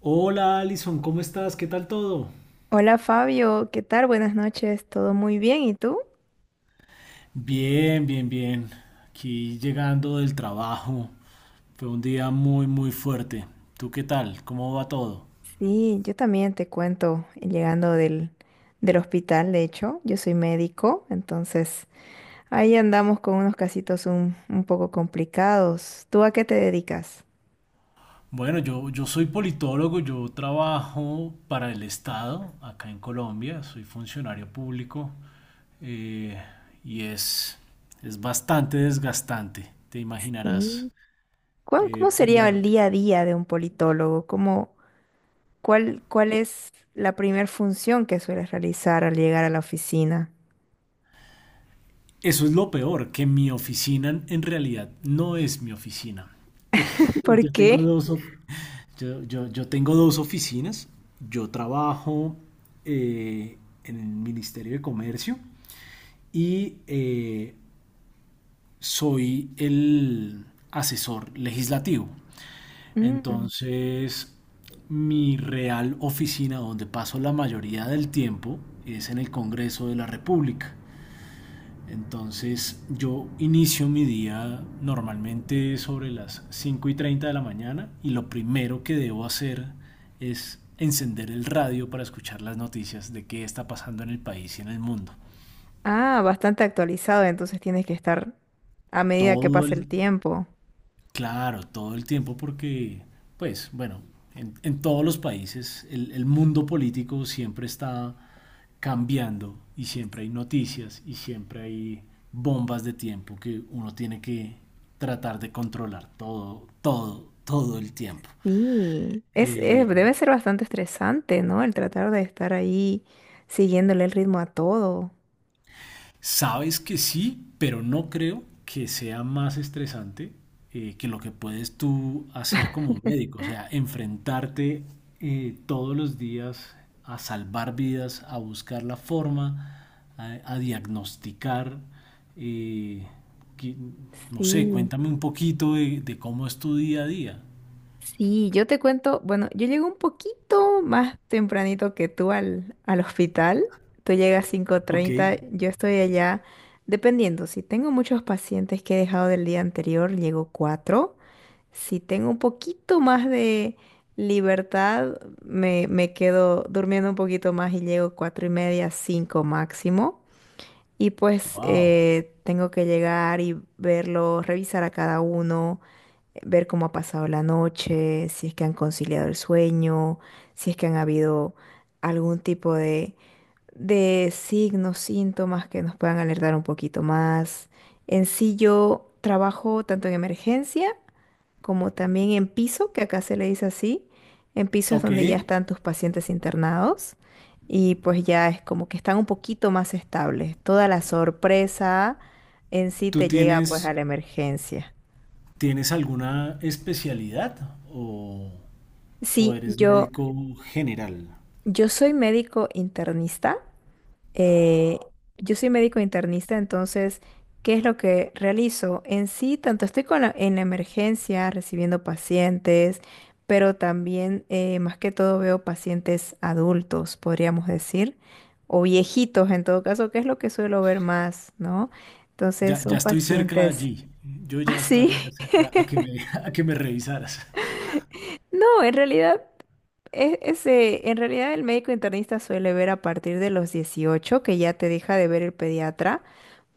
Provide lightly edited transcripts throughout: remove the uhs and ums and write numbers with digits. Hola Alison, ¿cómo estás? ¿Qué tal todo? Hola Fabio, ¿qué tal? Buenas noches, todo muy bien, ¿y tú? Bien, bien, bien. Aquí llegando del trabajo. Fue un día muy, muy fuerte. ¿Tú qué tal? ¿Cómo va todo? Sí, yo también te cuento, llegando del hospital, de hecho, yo soy médico, entonces ahí andamos con unos casitos un poco complicados. ¿Tú a qué te dedicas? Bueno, yo soy politólogo, yo trabajo para el Estado acá en Colombia, soy funcionario público, eh, y es, es bastante desgastante, te Mm. imaginarás. ¿Cómo Eh, por sería la- el día a día de un politólogo? ¿Cuál es la primer función que sueles realizar al llegar a la oficina? Eso es lo peor, que mi oficina en realidad no es mi oficina. Eh, ¿Por yo tengo qué? dos, of- yo tengo dos oficinas. Yo trabajo eh, en el Ministerio de Comercio y, soy el asesor legislativo. Entonces, mi real oficina donde paso la mayoría del tiempo es en el Congreso de la República. Entonces yo inicio mi día normalmente sobre las 5 y 30 de la mañana y lo primero que debo hacer es encender el radio para escuchar las noticias de qué está pasando en el país y en el mundo. Ah, bastante actualizado, entonces tienes que estar a medida que Todo pasa el el tiempo. Claro, todo el tiempo porque, pues, bueno, en todos los países el mundo político siempre está cambiando y siempre hay noticias y siempre hay bombas de tiempo que uno tiene que tratar de controlar todo, todo, todo el tiempo. Sí, Eh, debe ser bastante estresante, ¿no? El tratar de estar ahí siguiéndole el ritmo a todo. Sabes que sí, pero no creo que sea más estresante, que lo que puedes tú hacer como médico, o sea, enfrentarte, todos los días a salvar vidas, a buscar la forma, a diagnosticar. eh, que- no sé, Sí. cuéntame un poquito de cómo es tu día a día. Sí, yo te cuento, bueno, yo llegué un poquito más tempranito que tú al hospital. Tú llegas cinco Ok. treinta. Yo estoy allá, dependiendo, si tengo muchos pacientes que he dejado del día anterior, llego 4. Si tengo un poquito más de libertad, me quedo durmiendo un poquito más y llego 4 y media, 5 máximo. Y pues Wow. Tengo que llegar y verlos, revisar a cada uno, ver cómo ha pasado la noche, si es que han conciliado el sueño, si es que han habido algún tipo de signos, síntomas que nos puedan alertar un poquito más. En sí yo trabajo tanto en emergencia como también en piso, que acá se le dice así. En piso es Ok. donde ya están tus pacientes internados y pues ya es como que están un poquito más estables. Toda la sorpresa en sí ¿Tú te llega pues a tienes, la emergencia. tienes alguna especialidad o...? ¿O Sí, eres yo médico general? Yo soy médico internista. eh, yo soy médico internista, entonces, ¿qué es lo que realizo? En sí, tanto estoy en la emergencia recibiendo pacientes, pero también, más que todo, veo pacientes adultos, podríamos decir, o viejitos en todo caso, que es lo que suelo ver más, ¿no? Entonces, Ya, son ya estoy cerca pacientes allí. Yo ya así. estaría cerca a que me, a que me revisaras. No, en realidad. Ese, en realidad el médico internista suele ver a partir de los 18 que ya te deja de ver el pediatra,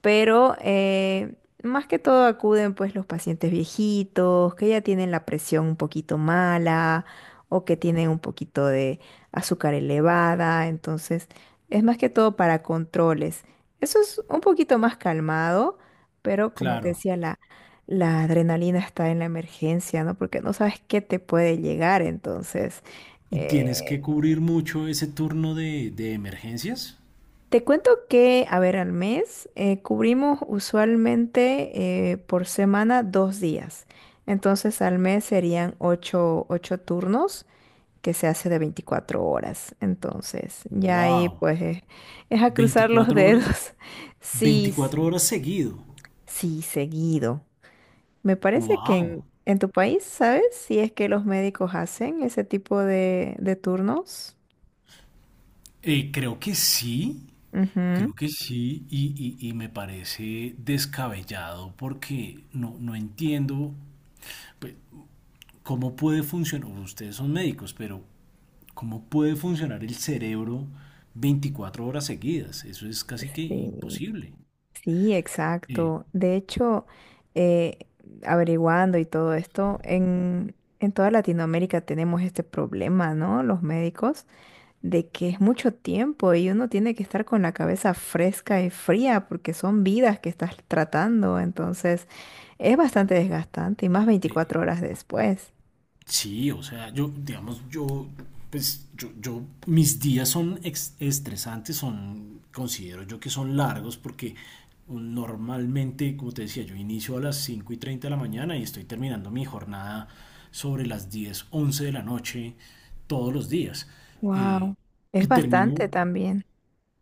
pero más que todo acuden pues los pacientes viejitos, que ya tienen la presión un poquito mala o que tienen un poquito de azúcar elevada, entonces es más que todo para controles. Eso es un poquito más calmado, pero como te Claro. decía, la adrenalina está en la emergencia, ¿no? Porque no sabes qué te puede llegar, entonces. ¿Y eh, tienes que cubrir mucho ese turno de emergencias? Te cuento que, a ver, al mes cubrimos usualmente por semana dos días. Entonces al mes serían ocho turnos que se hace de 24 horas. Entonces ya ahí Wow. pues es a cruzar los ¿Veinticuatro horas? dedos. Sí, Veinticuatro horas seguido. sí, seguido. Me parece que en, Wow. en tu país, ¿sabes? Si es que los médicos hacen ese tipo de turnos. Eh, creo que sí, Ujú. Creo que sí, y, y me parece descabellado porque no, no entiendo, pues, cómo puede funcionar. Ustedes son médicos, pero ¿cómo puede funcionar el cerebro 24 horas seguidas? Eso es casi que Sí. imposible. Sí, Eh, exacto. De hecho, eh, averiguando y todo esto, en toda Latinoamérica tenemos este problema, ¿no? Los médicos, de que es mucho tiempo y uno tiene que estar con la cabeza fresca y fría porque son vidas que estás tratando. Entonces, es bastante desgastante y más 24 horas después. sí, o sea, yo, digamos, yo, pues, mis días son estresantes, son, considero yo que son largos porque normalmente, como te decía, yo inicio a las 5 y 30 de la mañana y estoy terminando mi jornada sobre las 10 11 de la noche todos los días. Eh, Wow, es y termino bastante también.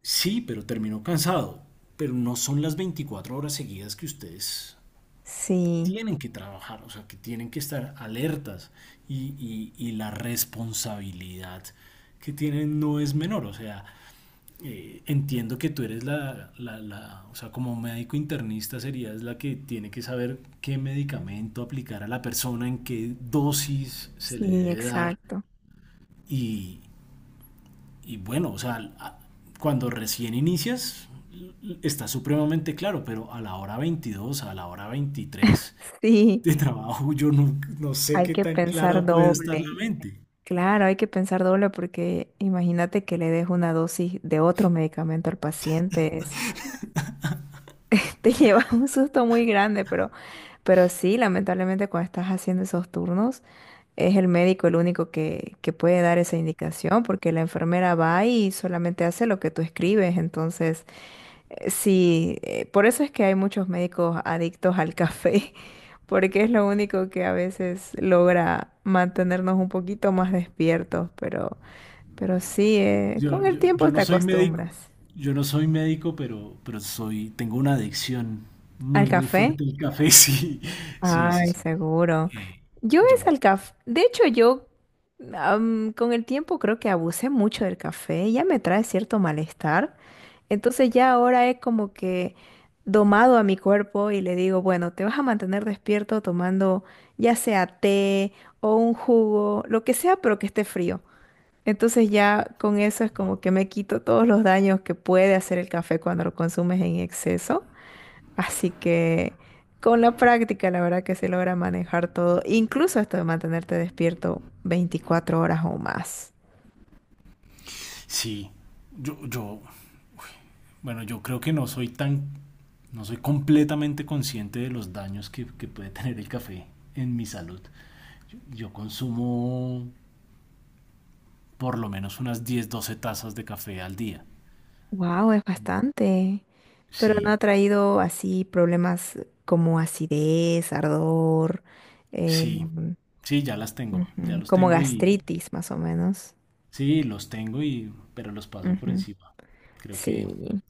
Sí, pero terminó cansado. Pero no son las 24 horas seguidas que ustedes Sí, tienen que trabajar, o sea, que tienen que estar alertas y, y la responsabilidad que tienen no es menor, o sea, entiendo que tú eres o sea, como médico internista serías la que tiene que saber qué medicamento aplicar a la persona, en qué dosis se le sí, debe dar exacto. y, y bueno, o sea, cuando recién inicias está supremamente claro, pero a la hora veintidós, a la hora 23 Sí, de trabajo, yo no, no sé hay qué que tan pensar clara puede estar la doble. mente. Claro, hay que pensar doble porque imagínate que le des una dosis de otro medicamento al paciente, te lleva un susto muy grande, pero, sí, lamentablemente cuando estás haciendo esos turnos, es el médico el único que puede dar esa indicación porque la enfermera va y solamente hace lo que tú escribes, entonces sí, por eso es que hay muchos médicos adictos al café, porque es lo único que a veces logra mantenernos un poquito más despiertos, pero... Pero sí, con el Yo tiempo te no soy médico, acostumbras. yo no soy médico, pero soy, tengo una adicción ¿Al muy, muy café? fuerte al café, sí, sí, sí, Ay, sí. seguro. Eh, Yo es yo, al café. De hecho, yo con el tiempo creo que abusé mucho del café. Ya me trae cierto malestar. Entonces ya ahora es como que domado a mi cuerpo y le digo, bueno, te vas a mantener despierto tomando ya sea té o un jugo, lo que sea, pero que esté frío. Entonces ya con eso es wow. como que me quito todos los daños que puede hacer el café cuando lo consumes en exceso. Así que con la práctica la verdad que se logra manejar todo, incluso esto de mantenerte despierto 24 horas o más. sí, yo, yo, Bueno, yo creo que no soy tan, no soy completamente consciente de los daños que puede tener el café en mi salud. Yo consumo por lo menos unas 10, 12 tazas de café al día. Wow, es bastante. Pero no ha Sí, traído así problemas como acidez, ardor, eh, sí, sí, ya las tengo, ya ujú, los como tengo y gastritis más o menos. sí, los tengo y pero los paso por Ujú, encima. Creo que sí.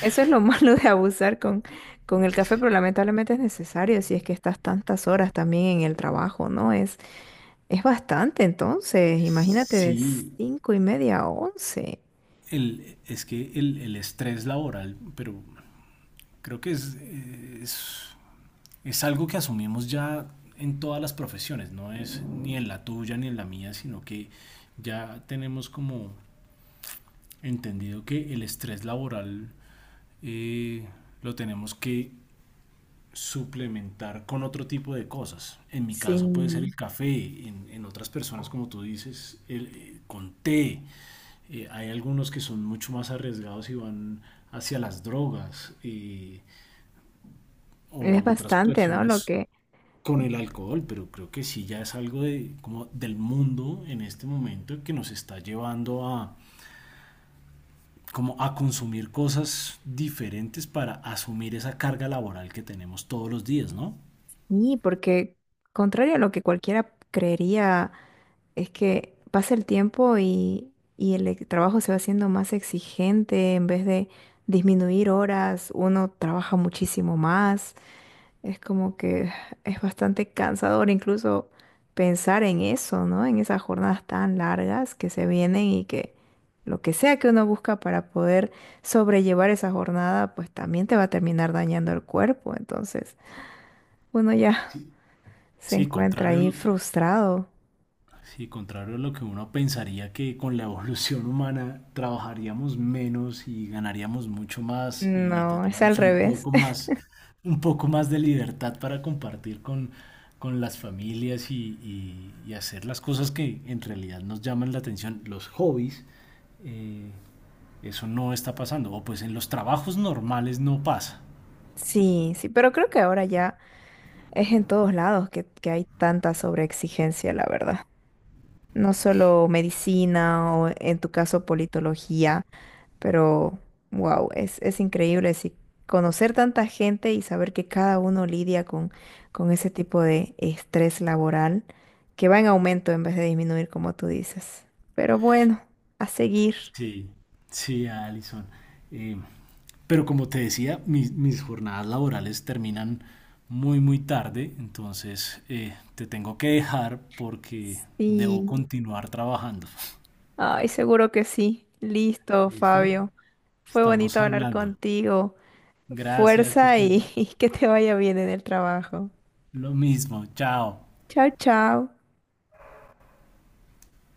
Eso es lo malo de abusar con el café, pero lamentablemente es necesario si es que estás tantas horas también en el trabajo, ¿no? Es bastante, entonces, imagínate de sí, cinco y media a once. Es que el estrés laboral, pero creo que es algo que asumimos ya en todas las profesiones, no es ni en la tuya ni en la mía, sino que ya tenemos como entendido que el estrés laboral, eh, lo tenemos que suplementar con otro tipo de cosas. En mi Sí, caso puede ser el café, en otras personas, como tú dices, el, con té. Hay algunos que son mucho más arriesgados y van hacia las drogas, es o otras bastante, ¿no? Personas con el alcohol, pero creo que sí ya es algo de, como del mundo en este momento que nos está llevando a, como a consumir cosas diferentes para asumir esa carga laboral que tenemos todos los días, ¿no? Y porque contrario a lo que cualquiera creería, es que pasa el tiempo y, el trabajo se va haciendo más exigente en vez de disminuir horas, uno trabaja muchísimo más. Es como que es bastante cansador incluso pensar en eso, ¿no? En esas jornadas tan largas que se vienen y que lo que sea que uno busca para poder sobrellevar esa jornada, pues también te va a terminar dañando el cuerpo. Entonces, uno ya Sí. se Sí, encuentra contrario a ahí lo que... frustrado. Sí, contrario a lo que uno pensaría que con la evolución humana trabajaríamos menos y ganaríamos mucho más y No, es al tendríamos revés. Un poco más de libertad para compartir con las familias y, y hacer las cosas que en realidad nos llaman la atención, los hobbies, eh, eso no está pasando. O pues en los trabajos normales no pasa. Sí, sí, pero creo que ahora ya es en todos lados que hay tanta sobreexigencia, la verdad. No solo medicina o en tu caso politología. Pero, wow, es increíble sí, conocer tanta gente y saber que cada uno lidia con ese tipo de estrés laboral que va en aumento en vez de disminuir, como tú dices. Pero bueno, a seguir. Sí, sí, Alison. Eh, pero como te decía, mis, mis jornadas laborales terminan muy, muy tarde, entonces te tengo que dejar porque debo Sí, continuar trabajando. ay, seguro que sí. Listo, ¿Listo? Fabio. Fue Estamos bonito hablar hablando. contigo. Gracias, que Fuerza estés y, y que te vaya bien en el trabajo. lo mismo. Chao. Chao, chao.